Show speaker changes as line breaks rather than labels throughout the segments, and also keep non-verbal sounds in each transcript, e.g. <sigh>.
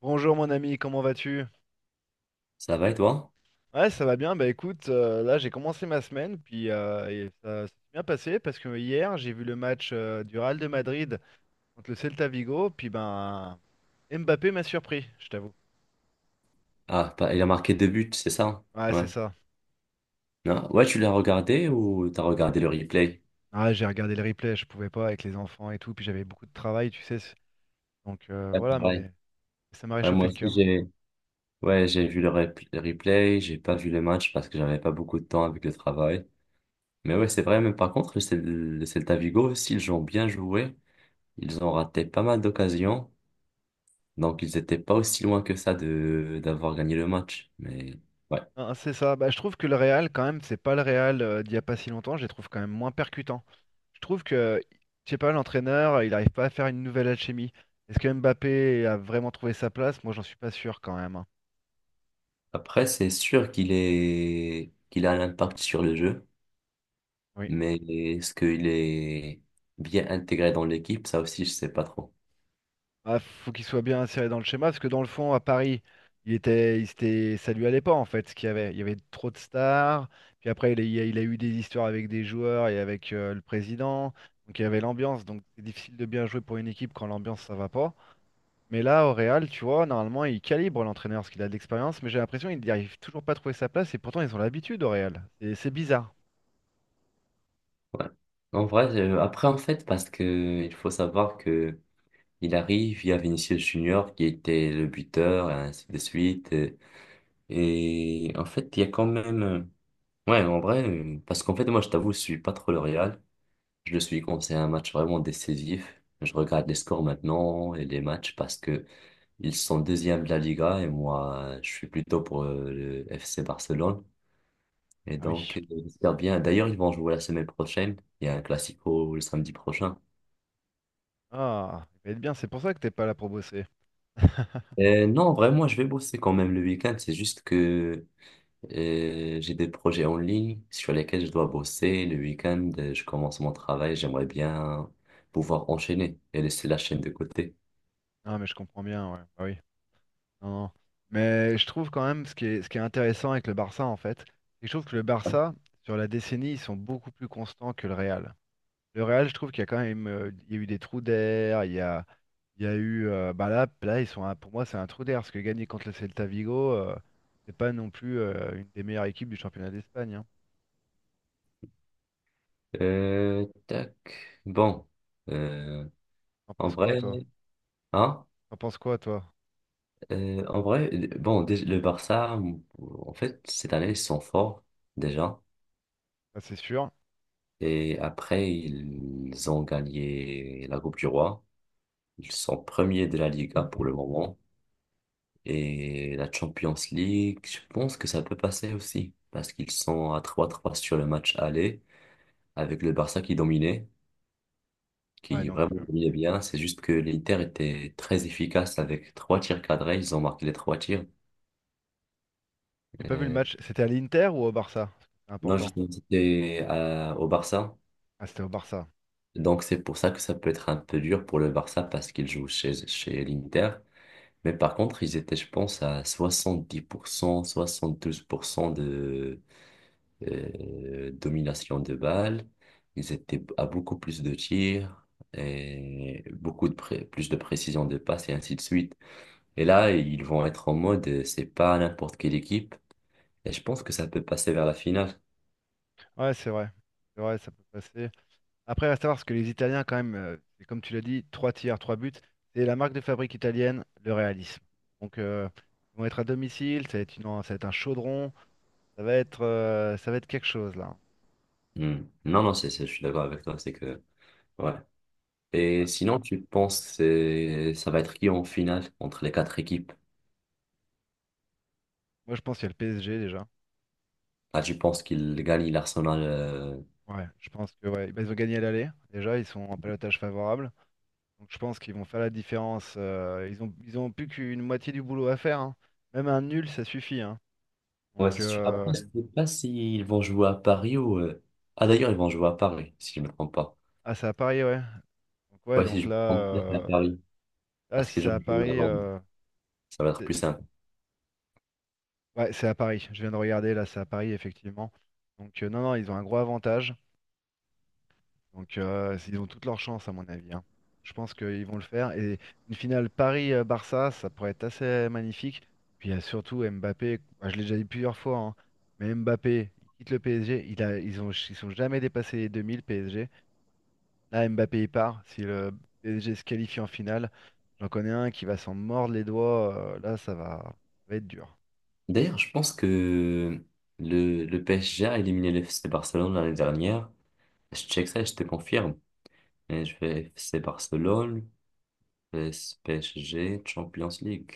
Bonjour mon ami, comment vas-tu?
Ça va et toi?
Ouais, ça va bien. Bah écoute, là j'ai commencé ma semaine, puis et ça s'est bien passé parce que hier j'ai vu le match du Real de Madrid contre le Celta Vigo, puis ben Mbappé m'a surpris, je t'avoue.
Ah, il a marqué deux buts, c'est ça, hein?
Ouais, c'est
Ouais.
ça.
Non. Ouais, tu l'as regardé ou t'as regardé le replay?
Ah, j'ai regardé le replay, je pouvais pas avec les enfants et tout, puis j'avais beaucoup de travail, tu sais. Donc
Ouais,
voilà,
pareil.
mais ça m'a
Ouais,
réchauffé
moi
le
aussi,
cœur.
j'ai ouais, j'ai vu le replay, j'ai pas vu le match parce que j'avais pas beaucoup de temps avec le travail. Mais ouais, c'est vrai, mais par contre, le Celta Vigo aussi, ils ont bien joué. Ils ont raté pas mal d'occasions. Donc, ils étaient pas aussi loin que ça de d'avoir gagné le match. Mais ouais.
Ah, c'est ça. Bah je trouve que le Real quand même, c'est pas le Real d'il y a pas si longtemps. Je les trouve quand même moins percutants. Je trouve que, je sais pas, l'entraîneur, il n'arrive pas à faire une nouvelle alchimie. Est-ce que Mbappé a vraiment trouvé sa place? Moi, j'en suis pas sûr quand même, hein.
Après, c'est sûr qu'il a un impact sur le jeu.
Oui.
Mais est-ce qu'il est bien intégré dans l'équipe? Ça aussi, je sais pas trop.
Ah, faut qu'il soit bien inséré dans le schéma, parce que dans le fond, à Paris, il était, il s'était- ça lui allait pas en fait, ce qu'il y avait. Il y avait trop de stars. Puis après, il a eu des histoires avec des joueurs et avec le président. Donc il y avait l'ambiance. Donc c'est difficile de bien jouer pour une équipe quand l'ambiance ça va pas. Mais là, au Real, tu vois, normalement, il calibre l'entraîneur parce qu'il a de l'expérience, mais j'ai l'impression qu'il n'arrive toujours pas à trouver sa place et pourtant ils ont l'habitude au Real. C'est bizarre.
Ouais. En vrai, après, en fait, parce que il faut savoir que il arrive, il y a Vinicius Junior qui était le buteur, et ainsi de suite. Et, en fait, il y a quand même. Ouais, en vrai, parce qu'en fait, moi, je t'avoue, je suis pas trop le Real. Je le suis quand c'est un match vraiment décisif. Je regarde les scores maintenant et les matchs parce que ils sont deuxième de la Liga et moi, je suis plutôt pour le FC Barcelone. Et
Ah oui.
donc, j'espère bien. D'ailleurs, ils vont jouer la semaine prochaine. Il y a un classico le samedi prochain.
Ah, il va être bien, c'est pour ça que t'es pas là pour bosser. <laughs>
Non, vraiment, je vais bosser quand même le week-end. C'est juste que j'ai des projets en ligne sur lesquels je dois bosser. Le week-end, je commence mon travail. J'aimerais bien pouvoir enchaîner et laisser la chaîne de côté.
Non, mais je comprends bien, ouais. Bah oui. Non, non. Mais je trouve quand même ce qui est intéressant avec le Barça, en fait, c'est que je trouve que le Barça, sur la décennie, ils sont beaucoup plus constants que le Real. Le Real, je trouve qu'il y a quand même il y a eu des trous d'air, il y a eu bah là, là ils sont pour moi c'est un trou d'air parce que gagner contre le Celta Vigo, c'est pas non plus une des meilleures équipes du championnat d'Espagne, hein.
Tac. Bon. Euh,
T'en
En
penses quoi
vrai,
toi?
hein?
T'en penses quoi toi?
En vrai, bon, le Barça, en fait, cette année, ils sont forts déjà.
Ça c'est sûr.
Et après, ils ont gagné la Coupe du Roi. Ils sont premiers de la Liga pour le moment. Et la Champions League, je pense que ça peut passer aussi. Parce qu'ils sont à 3-3 sur le match aller, avec le Barça qui dominait,
Ouais
qui
donc
vraiment dominait bien. C'est juste que l'Inter était très efficace avec trois tirs cadrés. Ils ont marqué les trois tirs.
j'ai pas vu le
Euh,
match. C'était à l'Inter ou au Barça? C'est
non,
important.
justement, c'était au Barça.
Ah c'était au Barça.
Donc c'est pour ça que ça peut être un peu dur pour le Barça parce qu'il joue chez l'Inter. Mais par contre, ils étaient, je pense, à soixante 70% 72% de domination de balles. Ils étaient à beaucoup plus de tirs et beaucoup de plus de précision de passe et ainsi de suite. Et là, ils vont être en mode, c'est pas n'importe quelle équipe. Et je pense que ça peut passer vers la finale.
Ouais c'est vrai. C'est vrai, ça peut passer. Après, il va savoir ce que les Italiens, quand même, c'est comme tu l'as dit, trois tiers, trois buts. C'est la marque de fabrique italienne, le réalisme. Donc, ils vont être à domicile, ça va être un chaudron, ça va être quelque chose là.
Hmm. Non, non, je suis d'accord avec toi. C'est que, ouais. Et
Ouais.
sinon, tu penses, ça va être qui en finale entre les quatre équipes?
Moi, je pense qu'il y a le PSG déjà.
Ah, tu penses qu'il gagne l'Arsenal?
Ouais, je pense que ouais, bah, ils ont gagné à l'aller. Déjà, ils sont en pelotage favorable. Donc, je pense qu'ils vont faire la différence. Ils ont plus qu'une moitié du boulot à faire, hein. Même un nul, ça suffit, hein.
Ouais,
Donc,
c'est sûr. Après, je sais pas s'ils vont jouer à Paris ou. Ah, d'ailleurs, ils vont jouer à Paris, si je me trompe pas.
ah, ça à Paris, ouais. Donc, ouais,
Ouais, si
donc
je me
là,
trompe pas, c'est à Paris.
là,
Parce
si
que je
ça à
joue à
Paris.
Londres. Ça va être plus simple.
Ouais, c'est à Paris. Je viens de regarder, là, c'est à Paris, effectivement. Donc, non, non, ils ont un gros avantage. Donc, ils ont toute leur chance, à mon avis, hein. Je pense qu'ils vont le faire. Et une finale Paris-Barça, ça pourrait être assez magnifique. Puis, il y a surtout Mbappé. Bah, je l'ai déjà dit plusieurs fois, hein, mais Mbappé, il quitte le PSG. Ils ils sont jamais dépassés les 2000, PSG. Là, Mbappé, il part. Si le PSG se qualifie en finale, j'en connais un qui va s'en mordre les doigts. Là, ça va être dur.
D'ailleurs, je pense que le PSG a éliminé le FC Barcelone l'année dernière. Je check ça et je te confirme. Et je fais FC Barcelone, PS PSG, Champions League.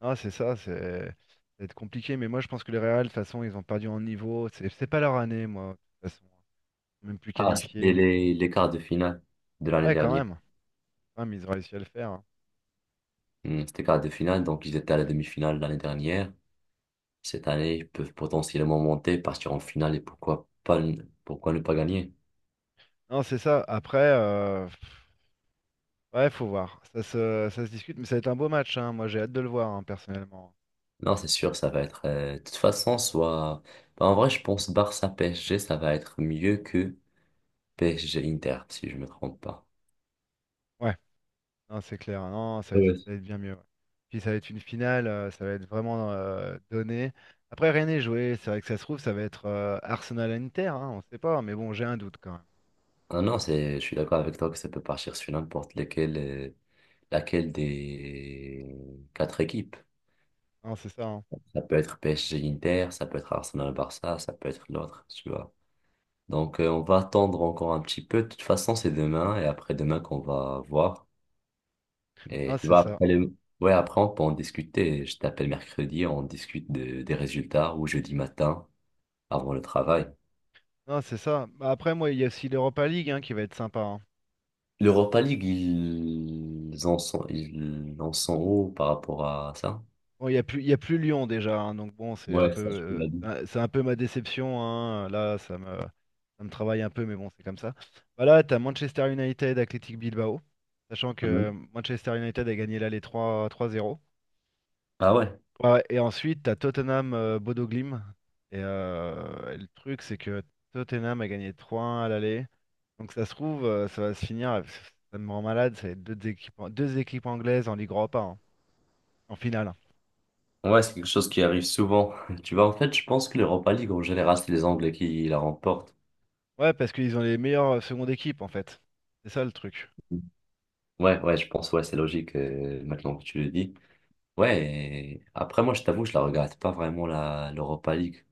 Ah, c'est ça va être compliqué, mais moi je pense que les Real, de toute façon, ils ont perdu en niveau. C'est pas leur année, moi, de toute façon. Même plus
Ah, c'était
qualifiés.
les quarts de finale de l'année
Ouais, quand
dernière.
même. Quand même, ils ont réussi à le faire, hein.
Hmm, c'était quarts de finale, donc ils étaient à la demi-finale l'année dernière. Cette année, ils peuvent potentiellement monter, partir en finale et pourquoi pas, pourquoi ne pas gagner?
Non, c'est ça. Après, pff, ouais, faut voir. Ça se discute, mais ça va être un beau match, hein. Moi, j'ai hâte de le voir, hein, personnellement.
Non, c'est sûr, ça va être. De toute façon, soit. Bah, en vrai, je pense Barça PSG, ça va être mieux que PSG Inter, si je me trompe pas.
Ouais, non, c'est clair. Non,
Ouais.
ça va être bien mieux, ouais. Puis ça va être une finale, ça va être vraiment donné. Après, rien n'est joué. C'est vrai que ça se trouve, ça va être Arsenal-Inter, hein, on sait pas, mais bon, j'ai un doute quand même.
Ah non, je suis d'accord avec toi que ça peut partir sur n'importe lequel, laquelle des quatre équipes.
Non, c'est ça, hein.
Ça peut être PSG Inter, ça peut être Arsenal Barça, ça peut être l'autre, tu vois. Donc, on va attendre encore un petit peu. De toute façon, c'est demain et après-demain qu'on va voir.
Non,
Et tu
c'est
vois,
ça.
après ouais, après, on peut en discuter. Je t'appelle mercredi, on discute des résultats ou jeudi matin avant le travail.
Non, c'est ça. Bah, après, moi, il y a aussi l'Europa League, hein, qui va être sympa, hein.
L'Europa League, ils en sont où par rapport à ça?
Bon, il y a plus Lyon déjà, hein, donc bon, c'est un
Ouais,
peu,
ça, je te l'ai dit.
c'est un peu ma déception, hein. Là, ça me travaille un peu, mais bon, c'est comme ça. Bah là, t'as Manchester United, Athletic Bilbao, sachant que
Mhm.
Manchester United a gagné là les trois zéro.
Ah ouais,
Ouais, et ensuite, t'as Tottenham, Bodo Glimt. Et le truc, c'est que Tottenham a gagné trois 1 à l'aller. Donc ça se trouve, ça va se finir, ça me rend malade, ça va être deux équipes anglaises en Ligue Europa, hein, en finale.
ouais, c'est quelque chose qui arrive souvent. <laughs> Tu vois, en fait, je pense que l'Europa League, en général, c'est les Anglais qui la remportent.
Ouais, parce qu'ils ont les meilleures secondes équipes, en fait. C'est ça le truc.
Ouais, ouais, je pense, ouais, c'est logique maintenant que tu le dis. Ouais, et après moi je t'avoue, je la regarde pas vraiment la l'Europa League.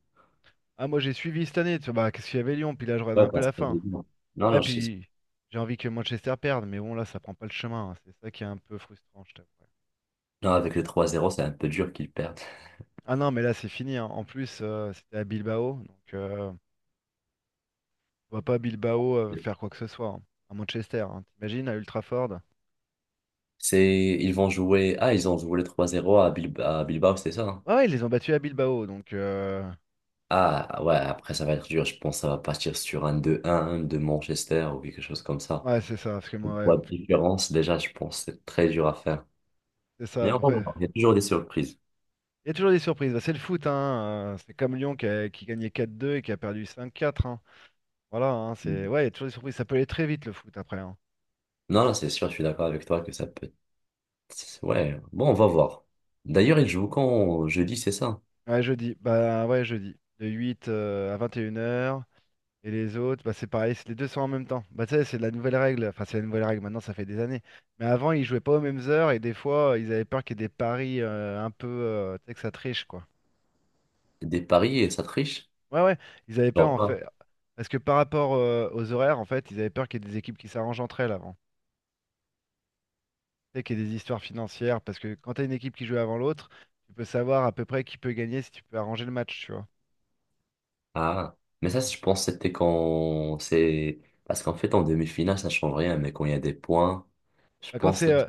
Ah, moi j'ai suivi cette année, tu vois, bah, qu'est-ce qu'il y avait Lyon, puis là je regarde
Ouais,
un peu
parce
la
que.
fin.
Non,
Ouais,
non,
puis j'ai envie que Manchester perde, mais bon, là ça prend pas le chemin, hein. C'est ça qui est un peu frustrant, je t'avoue.
non, avec le 3-0 c'est un peu dur qu'ils perdent.
Ah non, mais là c'est fini, hein. En plus, c'était à Bilbao, donc on va pas à Bilbao faire quoi que ce soit, hein. À Manchester, hein. T'imagines, à Ultraford.
C'est Ils vont jouer ah ils ont joué le 3-0 à Bilbao, c'est ça, hein?
Ouais, ouais, ils les ont battus à Bilbao, donc...
Ah ouais, après ça va être dur, je pense que ça va partir sur un 2-1 de Manchester ou quelque chose comme ça.
ouais, c'est ça, parce que
Une
moi, ouais,
fois de différence déjà, je pense que c'est très dur à faire.
c'est ça.
Mais néanmoins,
Après, il
il y a toujours des surprises.
y a toujours des surprises. Bah, c'est le foot, hein. C'est comme Lyon qui, qui gagnait 4-2 et qui a perdu 5-4, hein. Voilà, hein, c'est...
Mhm.
Ouais, il y a toujours des surprises. Ça peut aller très vite, le foot, après, hein.
Non, non, c'est sûr, je suis d'accord avec toi que ça peut ouais, bon, on va voir. D'ailleurs, il joue quand jeudi, c'est ça?
Ouais, jeudi. Bah, ouais, jeudi. De 8 à 21 heures. Et les autres, bah, c'est pareil, c'est les deux sont en même temps. Bah, tu sais, c'est la nouvelle règle. Enfin, c'est la nouvelle règle, maintenant, ça fait des années. Mais avant, ils jouaient pas aux mêmes heures et des fois, ils avaient peur qu'il y ait des paris un peu... tu sais, que ça triche, quoi.
Des paris et ça triche?
Ouais, ouais, ils avaient peur
Genre
en
quoi?
fait. Parce que par rapport aux horaires, en fait, ils avaient peur qu'il y ait des équipes qui s'arrangent entre elles avant. Tu sais, qu'il y ait des histoires financières. Parce que quand tu as une équipe qui joue avant l'autre, tu peux savoir à peu près qui peut gagner si tu peux arranger le match, tu vois.
Ah, mais ça, je pense que c'était quand c'est. Parce qu'en fait, en demi-finale, ça change rien, mais quand il y a des points, je
Bah,
pense là.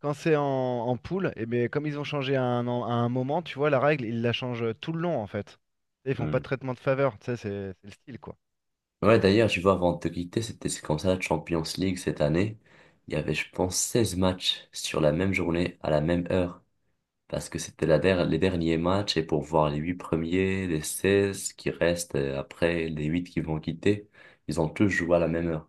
quand c'est en poule, et bien, comme ils ont changé à un moment, tu vois, la règle, ils la changent tout le long, en fait. Tu sais, ils font pas
Hmm.
de traitement de faveur, tu sais, c'est le style, quoi.
Ouais, d'ailleurs, je vois avant de te quitter, c'est comme ça la Champions League cette année. Il y avait, je pense, 16 matchs sur la même journée, à la même heure. Parce que c'était les derniers matchs et pour voir les huit premiers, les 16 qui restent après, les huit qui vont quitter, ils ont tous joué à la même heure.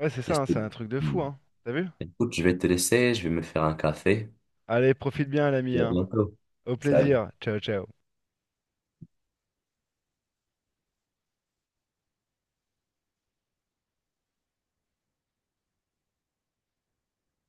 Ouais, c'est
Et
ça,
c'est-
hein, c'est un truc de
Mm.
fou, hein. T'as vu?
Écoute, je vais te laisser, je vais me faire un café.
Allez, profite bien, l'ami,
Et à
hein.
bientôt.
Au
Salut.
plaisir. Ciao, ciao.